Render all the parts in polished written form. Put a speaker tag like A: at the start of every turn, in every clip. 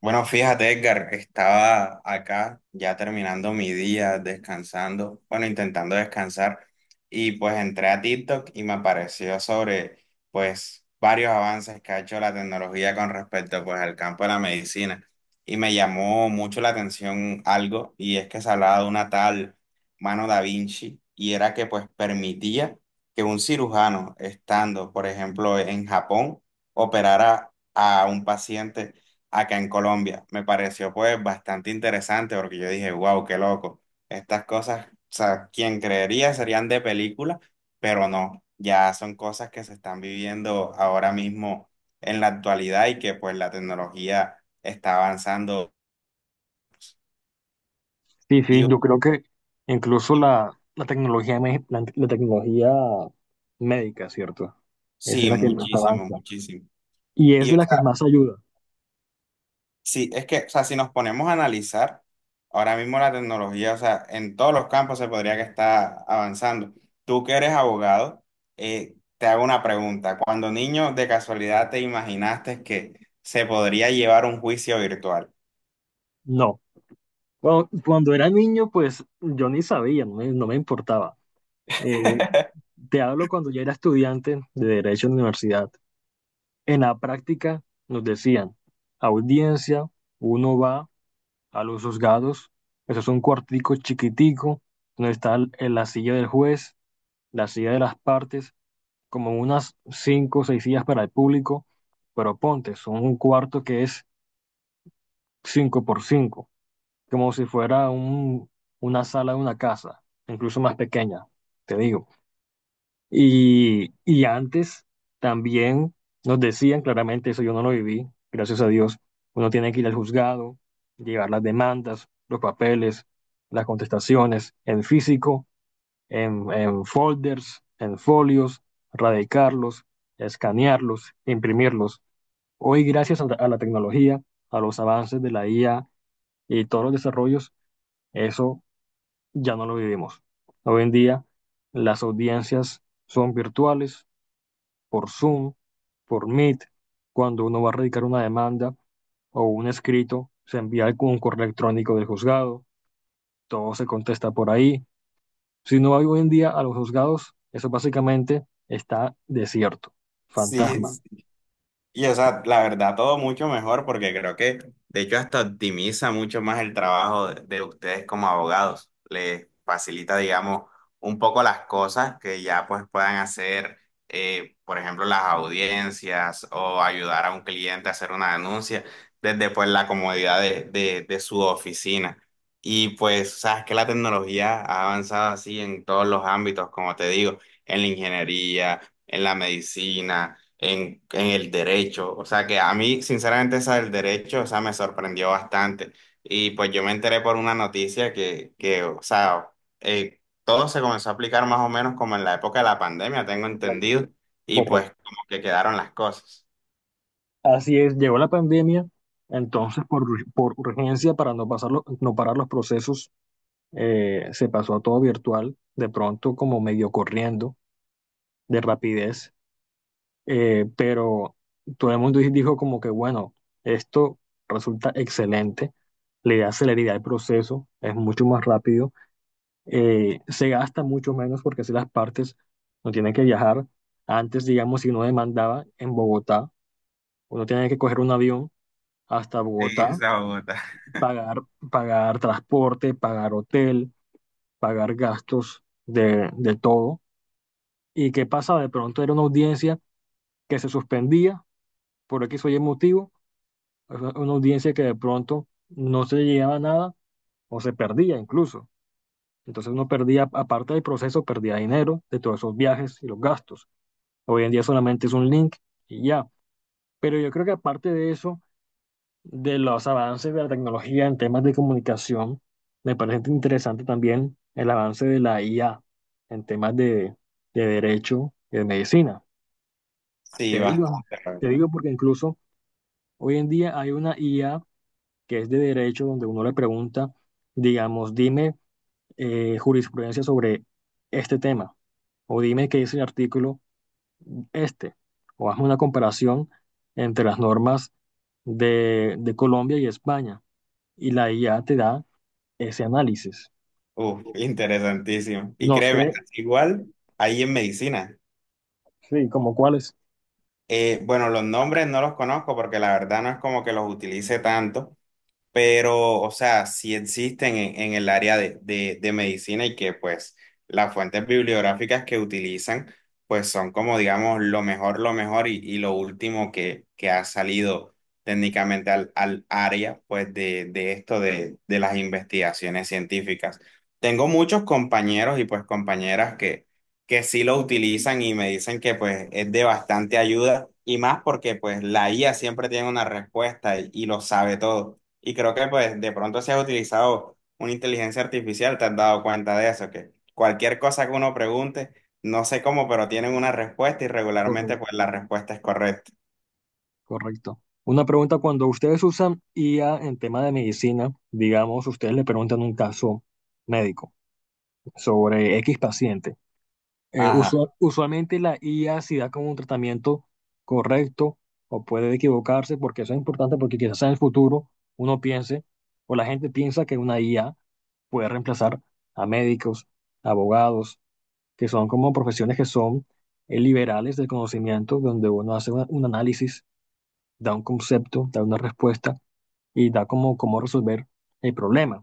A: Bueno, fíjate, Edgar, estaba acá ya terminando mi día, descansando, bueno, intentando descansar, y pues entré a TikTok y me apareció sobre, pues, varios avances que ha hecho la tecnología con respecto, pues, al campo de la medicina. Y me llamó mucho la atención algo, y es que se hablaba de una tal mano da Vinci, y era que, pues, permitía que un cirujano, estando, por ejemplo, en Japón, operara a un paciente acá en Colombia. Me pareció pues bastante interesante porque yo dije, wow, qué loco. Estas cosas, o sea, quien creería serían de película, pero no, ya son cosas que se están viviendo ahora mismo en la actualidad y que pues la tecnología está avanzando.
B: Sí, sí,
A: Y
B: yo creo que incluso la tecnología, la tecnología médica, ¿cierto? Es de
A: sí,
B: la que más
A: muchísimo,
B: avanza
A: muchísimo.
B: y es
A: Y
B: de
A: o
B: la que
A: sea,
B: más ayuda.
A: sí, es que, o sea, si nos ponemos a analizar, ahora mismo la tecnología, o sea, en todos los campos se podría que está avanzando. Tú que eres abogado, te hago una pregunta. Cuando niño, de casualidad, ¿te imaginaste que se podría llevar un juicio virtual?
B: No. Cuando era niño, pues yo ni sabía, no me importaba. Eh, Te hablo cuando ya era estudiante de Derecho en la universidad. En la práctica nos decían, audiencia, uno va a los juzgados, eso es un cuartico chiquitico, donde está la silla del juez, la silla de las partes como unas cinco o seis sillas para el público, pero ponte, son un cuarto que es cinco por cinco, como si fuera una sala de una casa, incluso más pequeña, te digo. Y antes también nos decían claramente, eso yo no lo viví, gracias a Dios, uno tiene que ir al juzgado, llevar las demandas, los papeles, las contestaciones en físico en folders, en folios, radicarlos, escanearlos, imprimirlos. Hoy, gracias a la tecnología, a los avances de la IA y todos los desarrollos, eso ya no lo vivimos. Hoy en día, las audiencias son virtuales, por Zoom, por Meet. Cuando uno va a radicar una demanda o un escrito, se envía un correo electrónico del juzgado, todo se contesta por ahí. Si no hay hoy en día a los juzgados, eso básicamente está desierto,
A: Sí.
B: fantasma.
A: Y o sea, la verdad, todo mucho mejor porque creo que de hecho hasta optimiza mucho más el trabajo de ustedes como abogados. Les facilita, digamos, un poco las cosas que ya pues puedan hacer, por ejemplo, las audiencias o ayudar a un cliente a hacer una denuncia desde pues la comodidad de su oficina. Y pues, sabes que la tecnología ha avanzado así en todos los ámbitos, como te digo, en la ingeniería, en la medicina en el derecho. O sea que a mí, sinceramente, esa del derecho, o sea, me sorprendió bastante. Y pues yo me enteré por una noticia que o sea, todo se comenzó a aplicar más o menos como en la época de la pandemia, tengo
B: Correcto.
A: entendido, y
B: Correcto.
A: pues como que quedaron las cosas.
B: Así es, llegó la pandemia, entonces por urgencia, para no, pasarlo, no parar los procesos, se pasó a todo virtual, de pronto como medio corriendo, de rapidez, pero todo el mundo dijo como que, bueno, esto resulta excelente, le da celeridad al proceso, es mucho más rápido. Se gasta mucho menos porque así las partes no tienen que viajar. Antes, digamos, si uno demandaba en Bogotá, uno tenía que coger un avión hasta
A: Sí,
B: Bogotá,
A: irse a Bogotá.
B: pagar, pagar transporte, pagar hotel, pagar gastos de todo. ¿Y qué pasaba? De pronto era una audiencia que se suspendía por X o Y motivo, una audiencia que de pronto no se llegaba a nada o se perdía incluso. Entonces uno perdía, aparte del proceso, perdía dinero de todos esos viajes y los gastos. Hoy en día solamente es un link y ya. Pero yo creo que aparte de eso, de los avances de la tecnología en temas de comunicación, me parece interesante también el avance de la IA en temas de derecho y de medicina.
A: Sí,
B: Te digo,
A: bastante, la
B: te
A: verdad.
B: digo porque incluso hoy en día hay una IA que es de derecho donde uno le pregunta, digamos, dime jurisprudencia sobre este tema o dime qué dice el artículo este, o haz una comparación entre las normas de Colombia y España, y la IA te da ese análisis.
A: Uf, interesantísimo. Y
B: No
A: créeme,
B: sé,
A: igual ahí en medicina.
B: sí, como cuáles.
A: Bueno, los nombres no los conozco porque la verdad no es como que los utilice tanto, pero, o sea, sí existen en el área de medicina y que pues las fuentes bibliográficas que utilizan pues son como digamos lo mejor y lo último que ha salido técnicamente al, al área pues de esto de las investigaciones científicas. Tengo muchos compañeros y pues compañeras que sí lo utilizan y me dicen que pues es de bastante ayuda y más porque pues la IA siempre tiene una respuesta y lo sabe todo. Y creo que pues de pronto se ha utilizado una inteligencia artificial, te has dado cuenta de eso, que cualquier cosa que uno pregunte, no sé cómo, pero tienen una respuesta y regularmente pues
B: Correcto.
A: la respuesta es correcta.
B: Correcto. Una pregunta, cuando ustedes usan IA en tema de medicina, digamos, ustedes le preguntan un caso médico sobre X paciente.
A: Ajá.
B: Usualmente la IA si da como un tratamiento correcto o puede equivocarse, porque eso es importante porque quizás en el futuro uno piense o la gente piensa que una IA puede reemplazar a médicos, abogados, que son como profesiones que son liberales del conocimiento, donde uno hace un análisis, da un concepto, da una respuesta y da como cómo resolver el problema.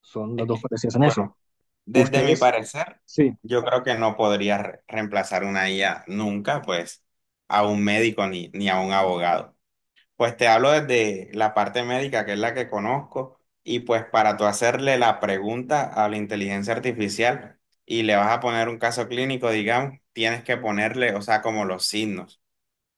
B: Son las
A: Es que,
B: dos parecidas en eso.
A: bueno, desde mi
B: Ustedes,
A: parecer,
B: sí,
A: yo creo que no podría reemplazar una IA nunca, pues, a un médico ni, ni a un abogado. Pues te hablo desde la parte médica, que es la que conozco, y pues para tú hacerle la pregunta a la inteligencia artificial y le vas a poner un caso clínico, digamos, tienes que ponerle, o sea, como los signos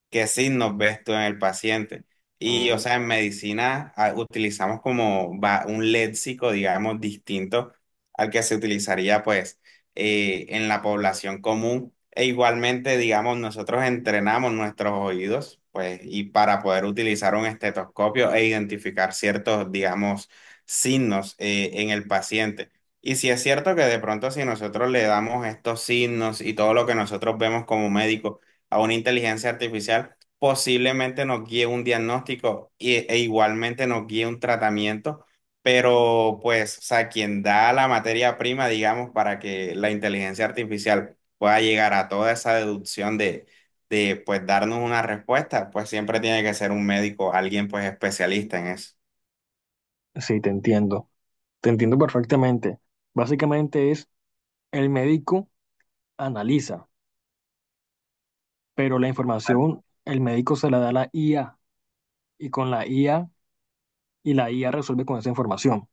A: qué signos ves tú en el paciente. Y, o
B: mm,
A: sea, en medicina utilizamos como un léxico, digamos, distinto al que se utilizaría, pues, en la población común. E igualmente, digamos, nosotros entrenamos nuestros oídos, pues, y para poder utilizar un estetoscopio e identificar ciertos, digamos, signos, en el paciente. Y si es cierto que de pronto si nosotros le damos estos signos y todo lo que nosotros vemos como médicos, a una inteligencia artificial, posiblemente nos guíe un diagnóstico e igualmente nos guíe un tratamiento, pero pues, o sea, quien da la materia prima, digamos, para que la inteligencia artificial pueda llegar a toda esa deducción de pues darnos una respuesta, pues siempre tiene que ser un médico, alguien pues especialista en eso.
B: sí, te entiendo. Te entiendo perfectamente. Básicamente es el médico analiza, pero la información el médico se la da a la IA y con la IA y la IA resuelve con esa información.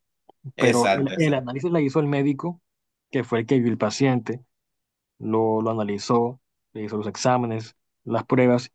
B: Pero el,
A: Exacto,
B: el
A: exacto.
B: análisis la hizo el médico, que fue el que vio el paciente, lo analizó, le hizo los exámenes, las pruebas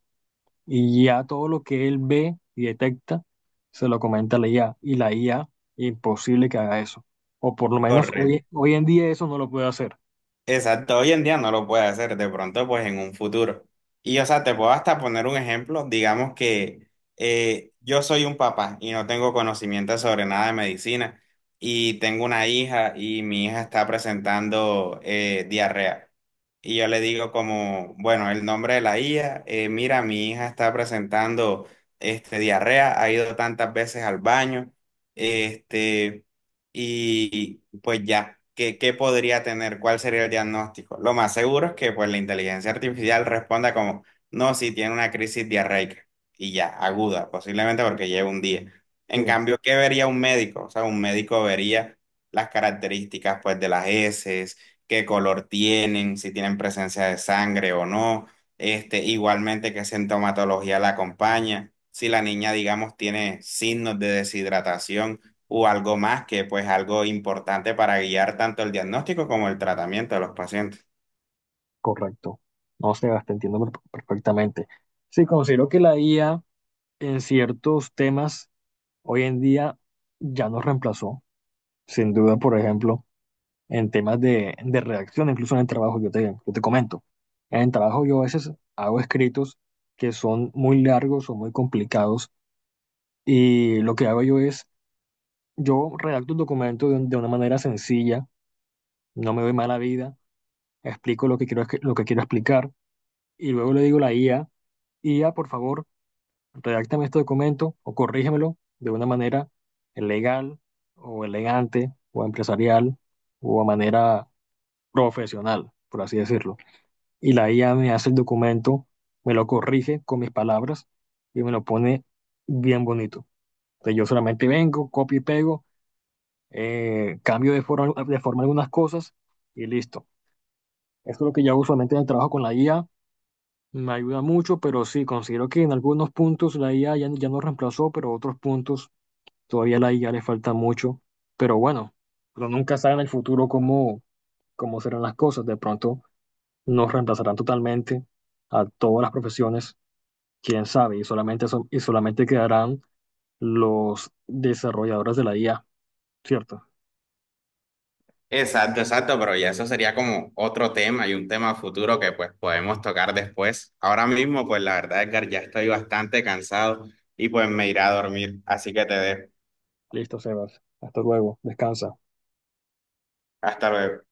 B: y ya todo lo que él ve y detecta se lo comenta a la IA y la IA imposible que haga eso. O por lo menos
A: Correcto.
B: hoy en día eso no lo puede hacer.
A: Exacto, hoy en día no lo puede hacer, de pronto pues en un futuro. Y o sea, te puedo hasta poner un ejemplo, digamos que yo soy un papá y no tengo conocimiento sobre nada de medicina y tengo una hija y mi hija está presentando diarrea. Y yo le digo como, bueno, el nombre de la hija, mira, mi hija está presentando este, diarrea, ha ido tantas veces al baño, este... Y pues ya, ¿qué, qué podría tener? ¿Cuál sería el diagnóstico? Lo más seguro es que pues la inteligencia artificial responda como, no, si tiene una crisis diarreica y ya, aguda, posiblemente porque lleva un día. En cambio, ¿qué vería un médico? O sea, un médico vería las características pues de las heces, qué color tienen, si tienen presencia de sangre o no, este, igualmente qué sintomatología la acompaña, si la niña, digamos, tiene signos de deshidratación o algo más que pues algo importante para guiar tanto el diagnóstico como el tratamiento de los pacientes.
B: Correcto. No, Sebas, perfectamente. Sí, considero que la IA en ciertos temas hoy en día ya nos reemplazó, sin duda, por ejemplo, en temas de redacción, incluso en el trabajo, yo te comento. En el trabajo yo a veces hago escritos que son muy largos o muy complicados y lo que hago yo es, yo redacto el documento de una manera sencilla, no me doy mala vida, explico lo que quiero, lo que quiero explicar y luego le digo a la IA, IA, por favor redáctame este documento o corrígemelo de una manera legal o elegante o empresarial o a manera profesional, por así decirlo. Y la IA me hace el documento, me lo corrige con mis palabras y me lo pone bien bonito. Entonces yo solamente vengo, copio y pego, cambio de forma algunas cosas y listo. Esto es lo que yo usualmente en el trabajo con la IA. Me ayuda mucho, pero sí, considero que en algunos puntos la IA ya nos reemplazó, pero otros puntos todavía la IA le falta mucho, pero bueno, uno nunca sabe en el futuro cómo serán las cosas. De pronto nos reemplazarán totalmente a todas las profesiones, quién sabe, y y solamente quedarán los desarrolladores de la IA, ¿cierto?
A: Exacto, exacto, pero ya eso sería como otro tema y un tema futuro que pues podemos tocar después. Ahora mismo, pues la verdad, Edgar, ya estoy bastante cansado y pues me iré a dormir, así que te dejo.
B: Listo, Sebas. Hasta luego. Descansa.
A: Hasta luego.